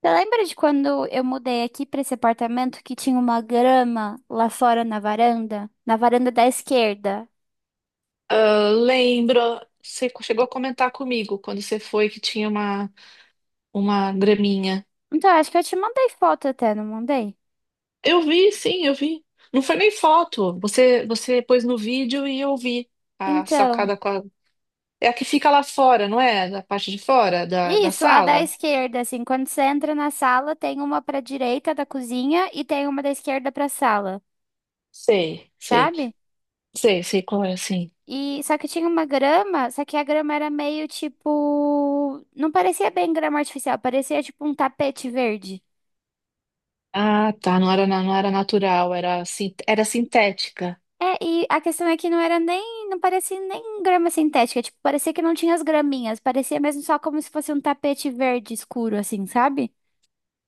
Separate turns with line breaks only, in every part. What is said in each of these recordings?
Você lembra de quando eu mudei aqui pra esse apartamento que tinha uma grama lá fora na varanda? Na varanda da esquerda.
Ah, lembro, você chegou a comentar comigo quando você foi que tinha uma graminha.
Então, acho que eu te mandei foto até, não mandei?
Eu vi, sim, eu vi. Não foi nem foto. Você pôs no vídeo e eu vi a
Então,
sacada com a... É a que fica lá fora, não é? Da parte de fora da
isso, a da
sala?
esquerda, assim, quando você entra na sala, tem uma pra direita da cozinha e tem uma da esquerda pra sala,
Sei, sei,
sabe?
sei, sei qual é, sim.
E só que tinha uma grama, só que a grama era meio tipo, não parecia bem grama artificial, parecia tipo um tapete verde.
Ah, tá. Não era, não era natural, era, era sintética.
É, e a questão é que não era nem, não parecia nem grama sintética, tipo, parecia que não tinha as graminhas, parecia mesmo só como se fosse um tapete verde escuro, assim, sabe?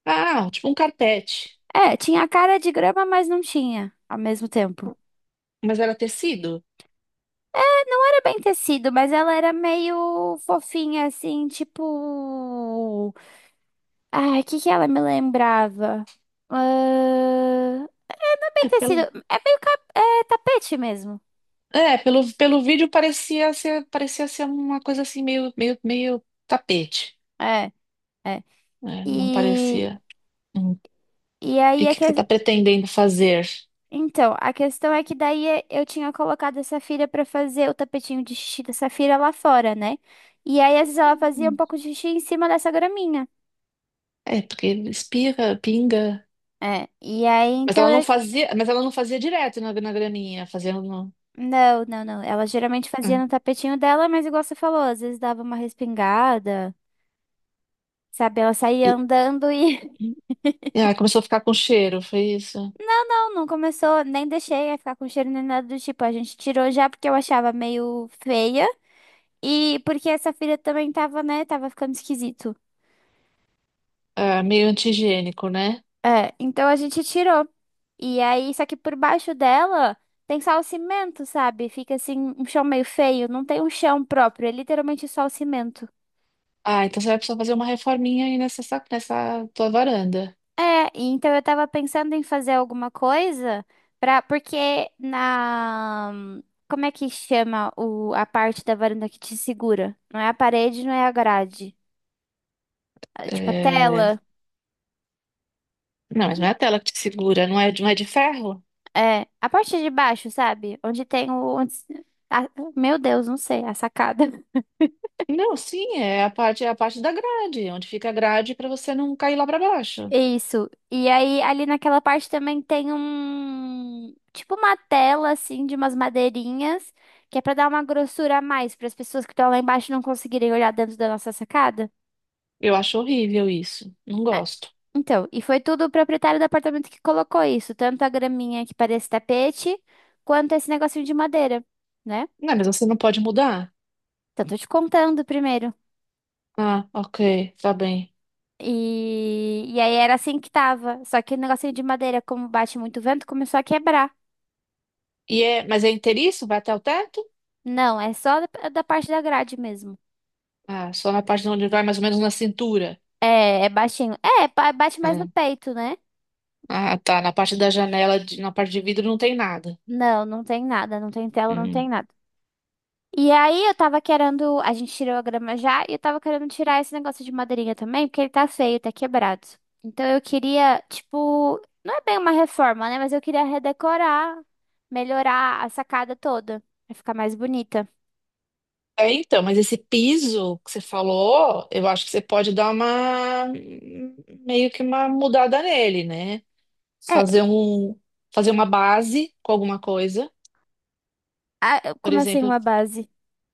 Ah, tipo um carpete.
É, tinha a cara de grama, mas não tinha, ao mesmo tempo.
Mas era tecido?
Era bem tecido, mas ela era meio fofinha, assim, tipo... Ai, o que que ela me lembrava? Ahn, Não é bem tecido, é meio é tapete mesmo.
É, pelo vídeo parecia ser uma coisa assim meio, meio, meio tapete,
É, é.
né? Não
E,
parecia. Hum.
e
E
aí
o
é
que
que
que você está pretendendo fazer?
então, a questão é que daí eu tinha colocado a Safira pra fazer o tapetinho de xixi da Safira lá fora, né? E aí, às vezes, ela fazia um
Hum.
pouco de xixi em cima dessa graminha.
É, porque espirra, pinga.
É, e aí,
Mas
então,
ela não
eu...
fazia, mas ela não fazia direto na graninha, fazendo no.
Não, não, não. Ela geralmente fazia
Hum.
no tapetinho dela, mas igual você falou, às vezes dava uma respingada, sabe? Ela
E,
saía andando e...
e aí começou a ficar com cheiro, foi isso?
Não, não começou, nem deixei a ficar com cheiro nem nada do tipo. A gente tirou já porque eu achava meio feia e porque essa Safira também tava, né? Tava ficando esquisito.
Ah, meio antigênico, né?
É, então a gente tirou. E aí, só que por baixo dela tem só o cimento, sabe? Fica assim, um chão meio feio. Não tem um chão próprio, é literalmente só o cimento.
Ah, então você vai precisar fazer uma reforminha aí nessa, nessa tua varanda.
É, e então eu tava pensando em fazer alguma coisa pra. Porque na. Como é que chama o... a parte da varanda que te segura? Não é a parede, não é a grade. É, tipo, a
É,
tela.
não, mas não é a tela que te segura, não é, não é de ferro?
É. A parte de baixo, sabe? Onde tem o. onde- a- Meu Deus, não sei, a sacada.
Não, sim, é a parte da grade, onde fica a grade para você não cair lá para baixo.
Isso. E aí, ali naquela parte também tem um. Tipo uma tela, assim, de umas madeirinhas, que é pra dar uma grossura a mais, para as pessoas que estão lá embaixo não conseguirem olhar dentro da nossa sacada.
Eu acho horrível isso. Não gosto.
Então, e foi tudo o proprietário do apartamento que colocou isso, tanto a graminha que parece tapete, quanto esse negocinho de madeira, né?
Não, mas você não pode mudar?
Então, tô te contando primeiro.
Ah, ok, tá bem.
E aí era assim que tava. Só que o negocinho de madeira, como bate muito vento, começou a quebrar.
E é, mas é inteiriço? Vai até o teto?
Não, é só da parte da grade mesmo.
Ah, só na parte onde vai mais ou menos na cintura.
É, é baixinho. É, bate mais no
Hum.
peito, né?
Ah, tá. Na parte da janela, na parte de vidro não tem nada.
Não, não tem nada, não tem tela, não tem
Hum.
nada. E aí eu tava querendo, a gente tirou a grama já, e eu tava querendo tirar esse negócio de madeirinha também, porque ele tá feio, tá quebrado. Então eu queria, tipo, não é bem uma reforma, né? Mas eu queria redecorar, melhorar a sacada toda, pra ficar mais bonita.
É, então, mas esse piso que você falou, eu acho que você pode dar uma meio que uma mudada nele, né?
É,
Fazer um, fazer uma base com alguma coisa, por
como assim
exemplo,
uma base?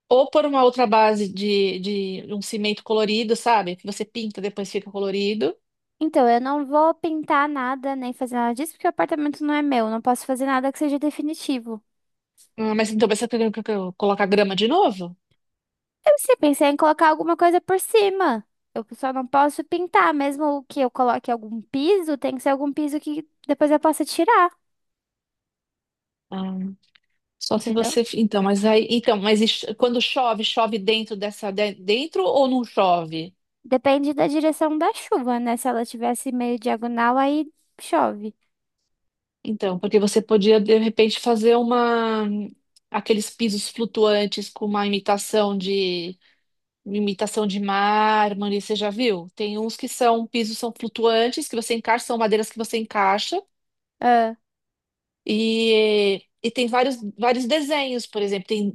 ou por uma outra base de um cimento colorido, sabe? Que você pinta, depois fica colorido.
Então, eu não vou pintar nada, nem fazer nada disso, porque o apartamento não é meu, não posso fazer nada que seja definitivo.
Ah, mas então mas você tem que colocar grama de novo?
Eu se pensei em colocar alguma coisa por cima. Eu só não posso pintar, mesmo que eu coloque algum piso, tem que ser algum piso que depois eu possa tirar,
Ah, só se
entendeu?
você, então, mas aí, então, mas e quando chove, chove dentro dessa, dentro ou não chove?
Depende da direção da chuva, né? Se ela tivesse meio diagonal, aí chove.
Então, porque você podia de repente fazer uma, aqueles pisos flutuantes com uma imitação, imitação de mármore, você já viu? Tem uns que são pisos são flutuantes, que você encaixa, são madeiras que você encaixa,
Ah,
e tem vários, vários desenhos, por exemplo, tem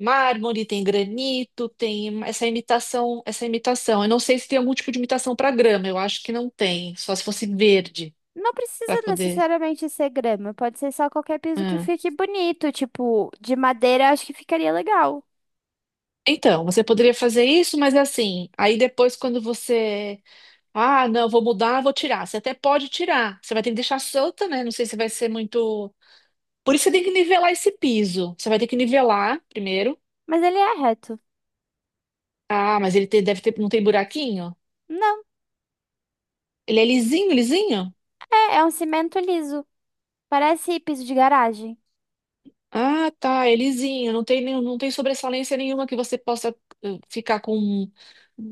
mármore, tem granito, tem essa imitação, essa imitação. Eu não sei se tem algum tipo de imitação para grama, eu acho que não tem, só se fosse verde
não
para
precisa
poder.
necessariamente ser grama, pode ser só qualquer piso que
Ah.
fique bonito, tipo, de madeira, acho que ficaria legal.
Então, você poderia fazer isso, mas assim, aí depois quando você... Ah, não, vou mudar, vou tirar. Você até pode tirar. Você vai ter que deixar solta, né? Não sei se vai ser muito. Por isso você tem que nivelar esse piso. Você vai ter que nivelar primeiro.
Mas ele é reto.
Ah, mas ele deve ter, não tem buraquinho?
Não,
Ele é lisinho, lisinho?
é, é um cimento liso. Parece piso de garagem.
Ah, tá, é lisinho. Não tem nenhum, não tem sobressalência nenhuma que você possa ficar com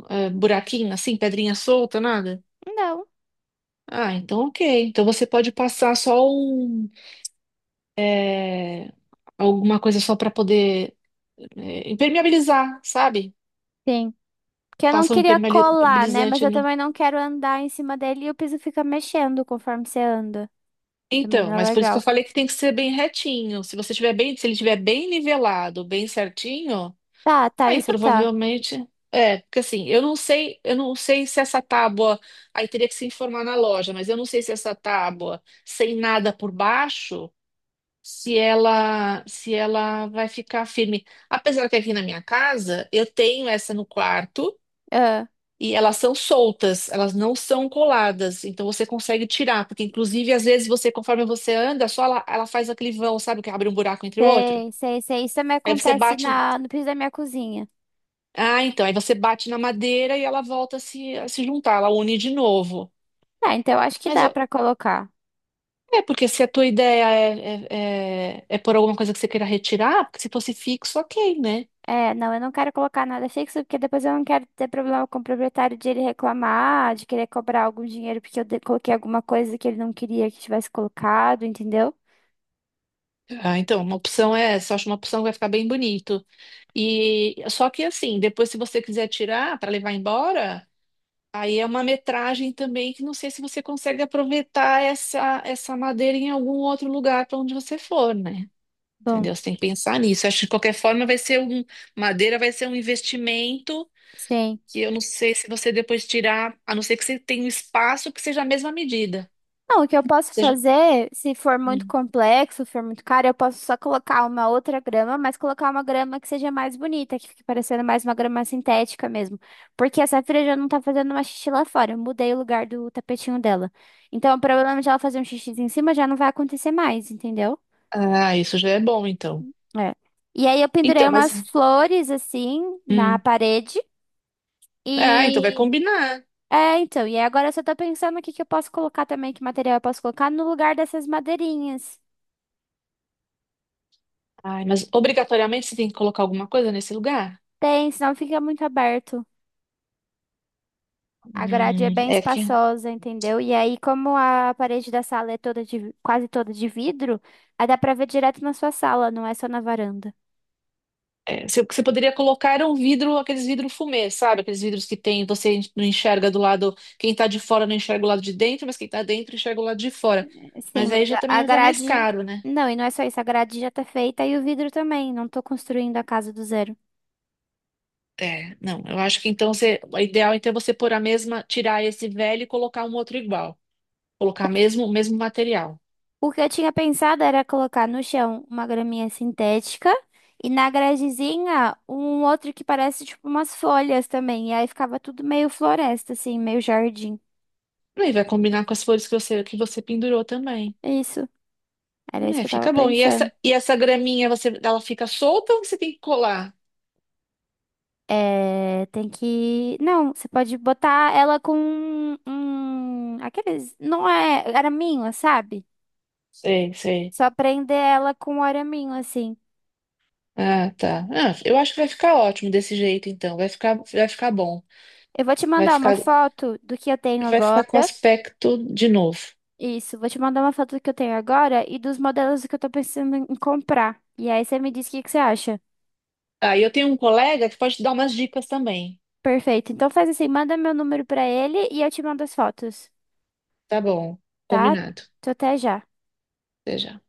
buraquinho assim, pedrinha solta, nada.
Não.
Ah, então ok. Então você pode passar só um, eh, alguma coisa só para poder impermeabilizar, sabe?
Sim. Que eu não
Passa um
queria colar, né? Mas
impermeabilizante
eu
no.
também não quero andar em cima dele e o piso fica mexendo conforme você anda. Também
Então,
não é
mas por isso que eu
legal.
falei que tem que ser bem retinho. Se você tiver bem, se ele tiver bem nivelado, bem certinho,
Tá, tá,
aí
isso tá.
provavelmente é, porque assim, eu não sei se essa tábua, aí teria que se informar na loja, mas eu não sei se essa tábua sem nada por baixo, se ela vai ficar firme. Apesar que aqui na minha casa, eu tenho essa no quarto.
Ah,
E elas são soltas, elas não são coladas, então você consegue tirar, porque inclusive às vezes você, conforme você anda, só ela, ela faz aquele vão, sabe, que abre um buraco entre o outro.
sei, sei, sei. Isso também
Aí você
acontece
bate,
na, no piso da minha cozinha.
ah, então, aí você bate na madeira e ela volta a se juntar, ela une de novo.
Ah, então eu acho que
Mas
dá
eu-
pra colocar.
é porque se a tua ideia é, é, é, é por alguma coisa que você queira retirar, porque se fosse fixo, ok, né?
É, não, eu não quero colocar nada fixo, porque depois eu não quero ter problema com o proprietário de ele reclamar, de querer cobrar algum dinheiro porque eu coloquei alguma coisa que ele não queria que tivesse colocado, entendeu?
Ah, então, uma opção é essa, eu acho uma opção que vai ficar bem bonito. E só que assim, depois se você quiser tirar para levar embora. Aí é uma metragem também que não sei se você consegue aproveitar essa madeira em algum outro lugar para onde você for, né?
Bom,
Entendeu? Você tem que pensar nisso. Acho que de qualquer forma vai ser um, madeira vai ser um investimento
sim.
que eu não sei se você depois tirar, a não ser que você tenha um espaço que seja a mesma medida.
Não, o que eu posso
Seja...
fazer, se for muito
Hum.
complexo, for muito caro, eu posso só colocar uma outra grama, mas colocar uma grama que seja mais bonita, que fique parecendo mais uma grama sintética mesmo. Porque a Safira já não tá fazendo uma xixi lá fora. Eu mudei o lugar do tapetinho dela. Então, o problema de ela fazer um xixi em cima já não vai acontecer mais, entendeu?
Ah, isso já é bom, então.
É. E aí eu pendurei
Então, mas.
umas flores assim na
Hum.
parede
Ah, então vai
e
combinar.
é, então, e agora eu só tô pensando o que que eu posso colocar também, que material eu posso colocar no lugar dessas madeirinhas.
Ai, mas obrigatoriamente você tem que colocar alguma coisa nesse lugar?
Tem, senão fica muito aberto. A grade é bem
É que...
espaçosa, entendeu? E aí, como a parede da sala é toda de, quase toda de vidro, aí dá pra ver direto na sua sala, não é só na varanda.
É, você poderia colocar era um vidro, aqueles vidros fumê, sabe? Aqueles vidros que tem, você não enxerga do lado, quem tá de fora não enxerga o lado de dentro, mas quem tá dentro enxerga o lado de fora.
Sim,
Mas aí
mas
já
a
também já é mais
grade.
caro, né?
Não, e não é só isso, a grade já tá feita e o vidro também. Não tô construindo a casa do zero.
É, não, eu acho que então você, o ideal então é você pôr a mesma, tirar esse velho e colocar um outro igual. Colocar mesmo o mesmo material.
O que eu tinha pensado era colocar no chão uma graminha sintética e na gradezinha um outro que parece tipo umas folhas também. E aí ficava tudo meio floresta, assim, meio jardim.
Aí vai combinar com as flores que você pendurou também.
É isso. Era isso
É,
que eu tava
fica bom. E essa
pensando.
e essa graminha você ela fica solta ou você tem que colar?
É, tem que. Não, você pode botar ela com um. Aqueles. Não é araminho, sabe?
Sei, sei.
Só prender ela com um araminho, assim.
Ah, tá. Ah, eu acho que vai ficar ótimo desse jeito, então. Vai ficar bom.
Eu vou te
Vai
mandar uma
ficar,
foto do que eu tenho
vai ficar com
agora.
aspecto de novo.
Isso, vou te mandar uma foto do que eu tenho agora e dos modelos que eu tô pensando em comprar. E aí você me diz o que que você acha.
Ah, e eu tenho um colega que pode te dar umas dicas também.
Perfeito. Então faz assim, manda meu número pra ele e eu te mando as fotos,
Tá bom,
tá?
combinado.
Tô até já.
Até já.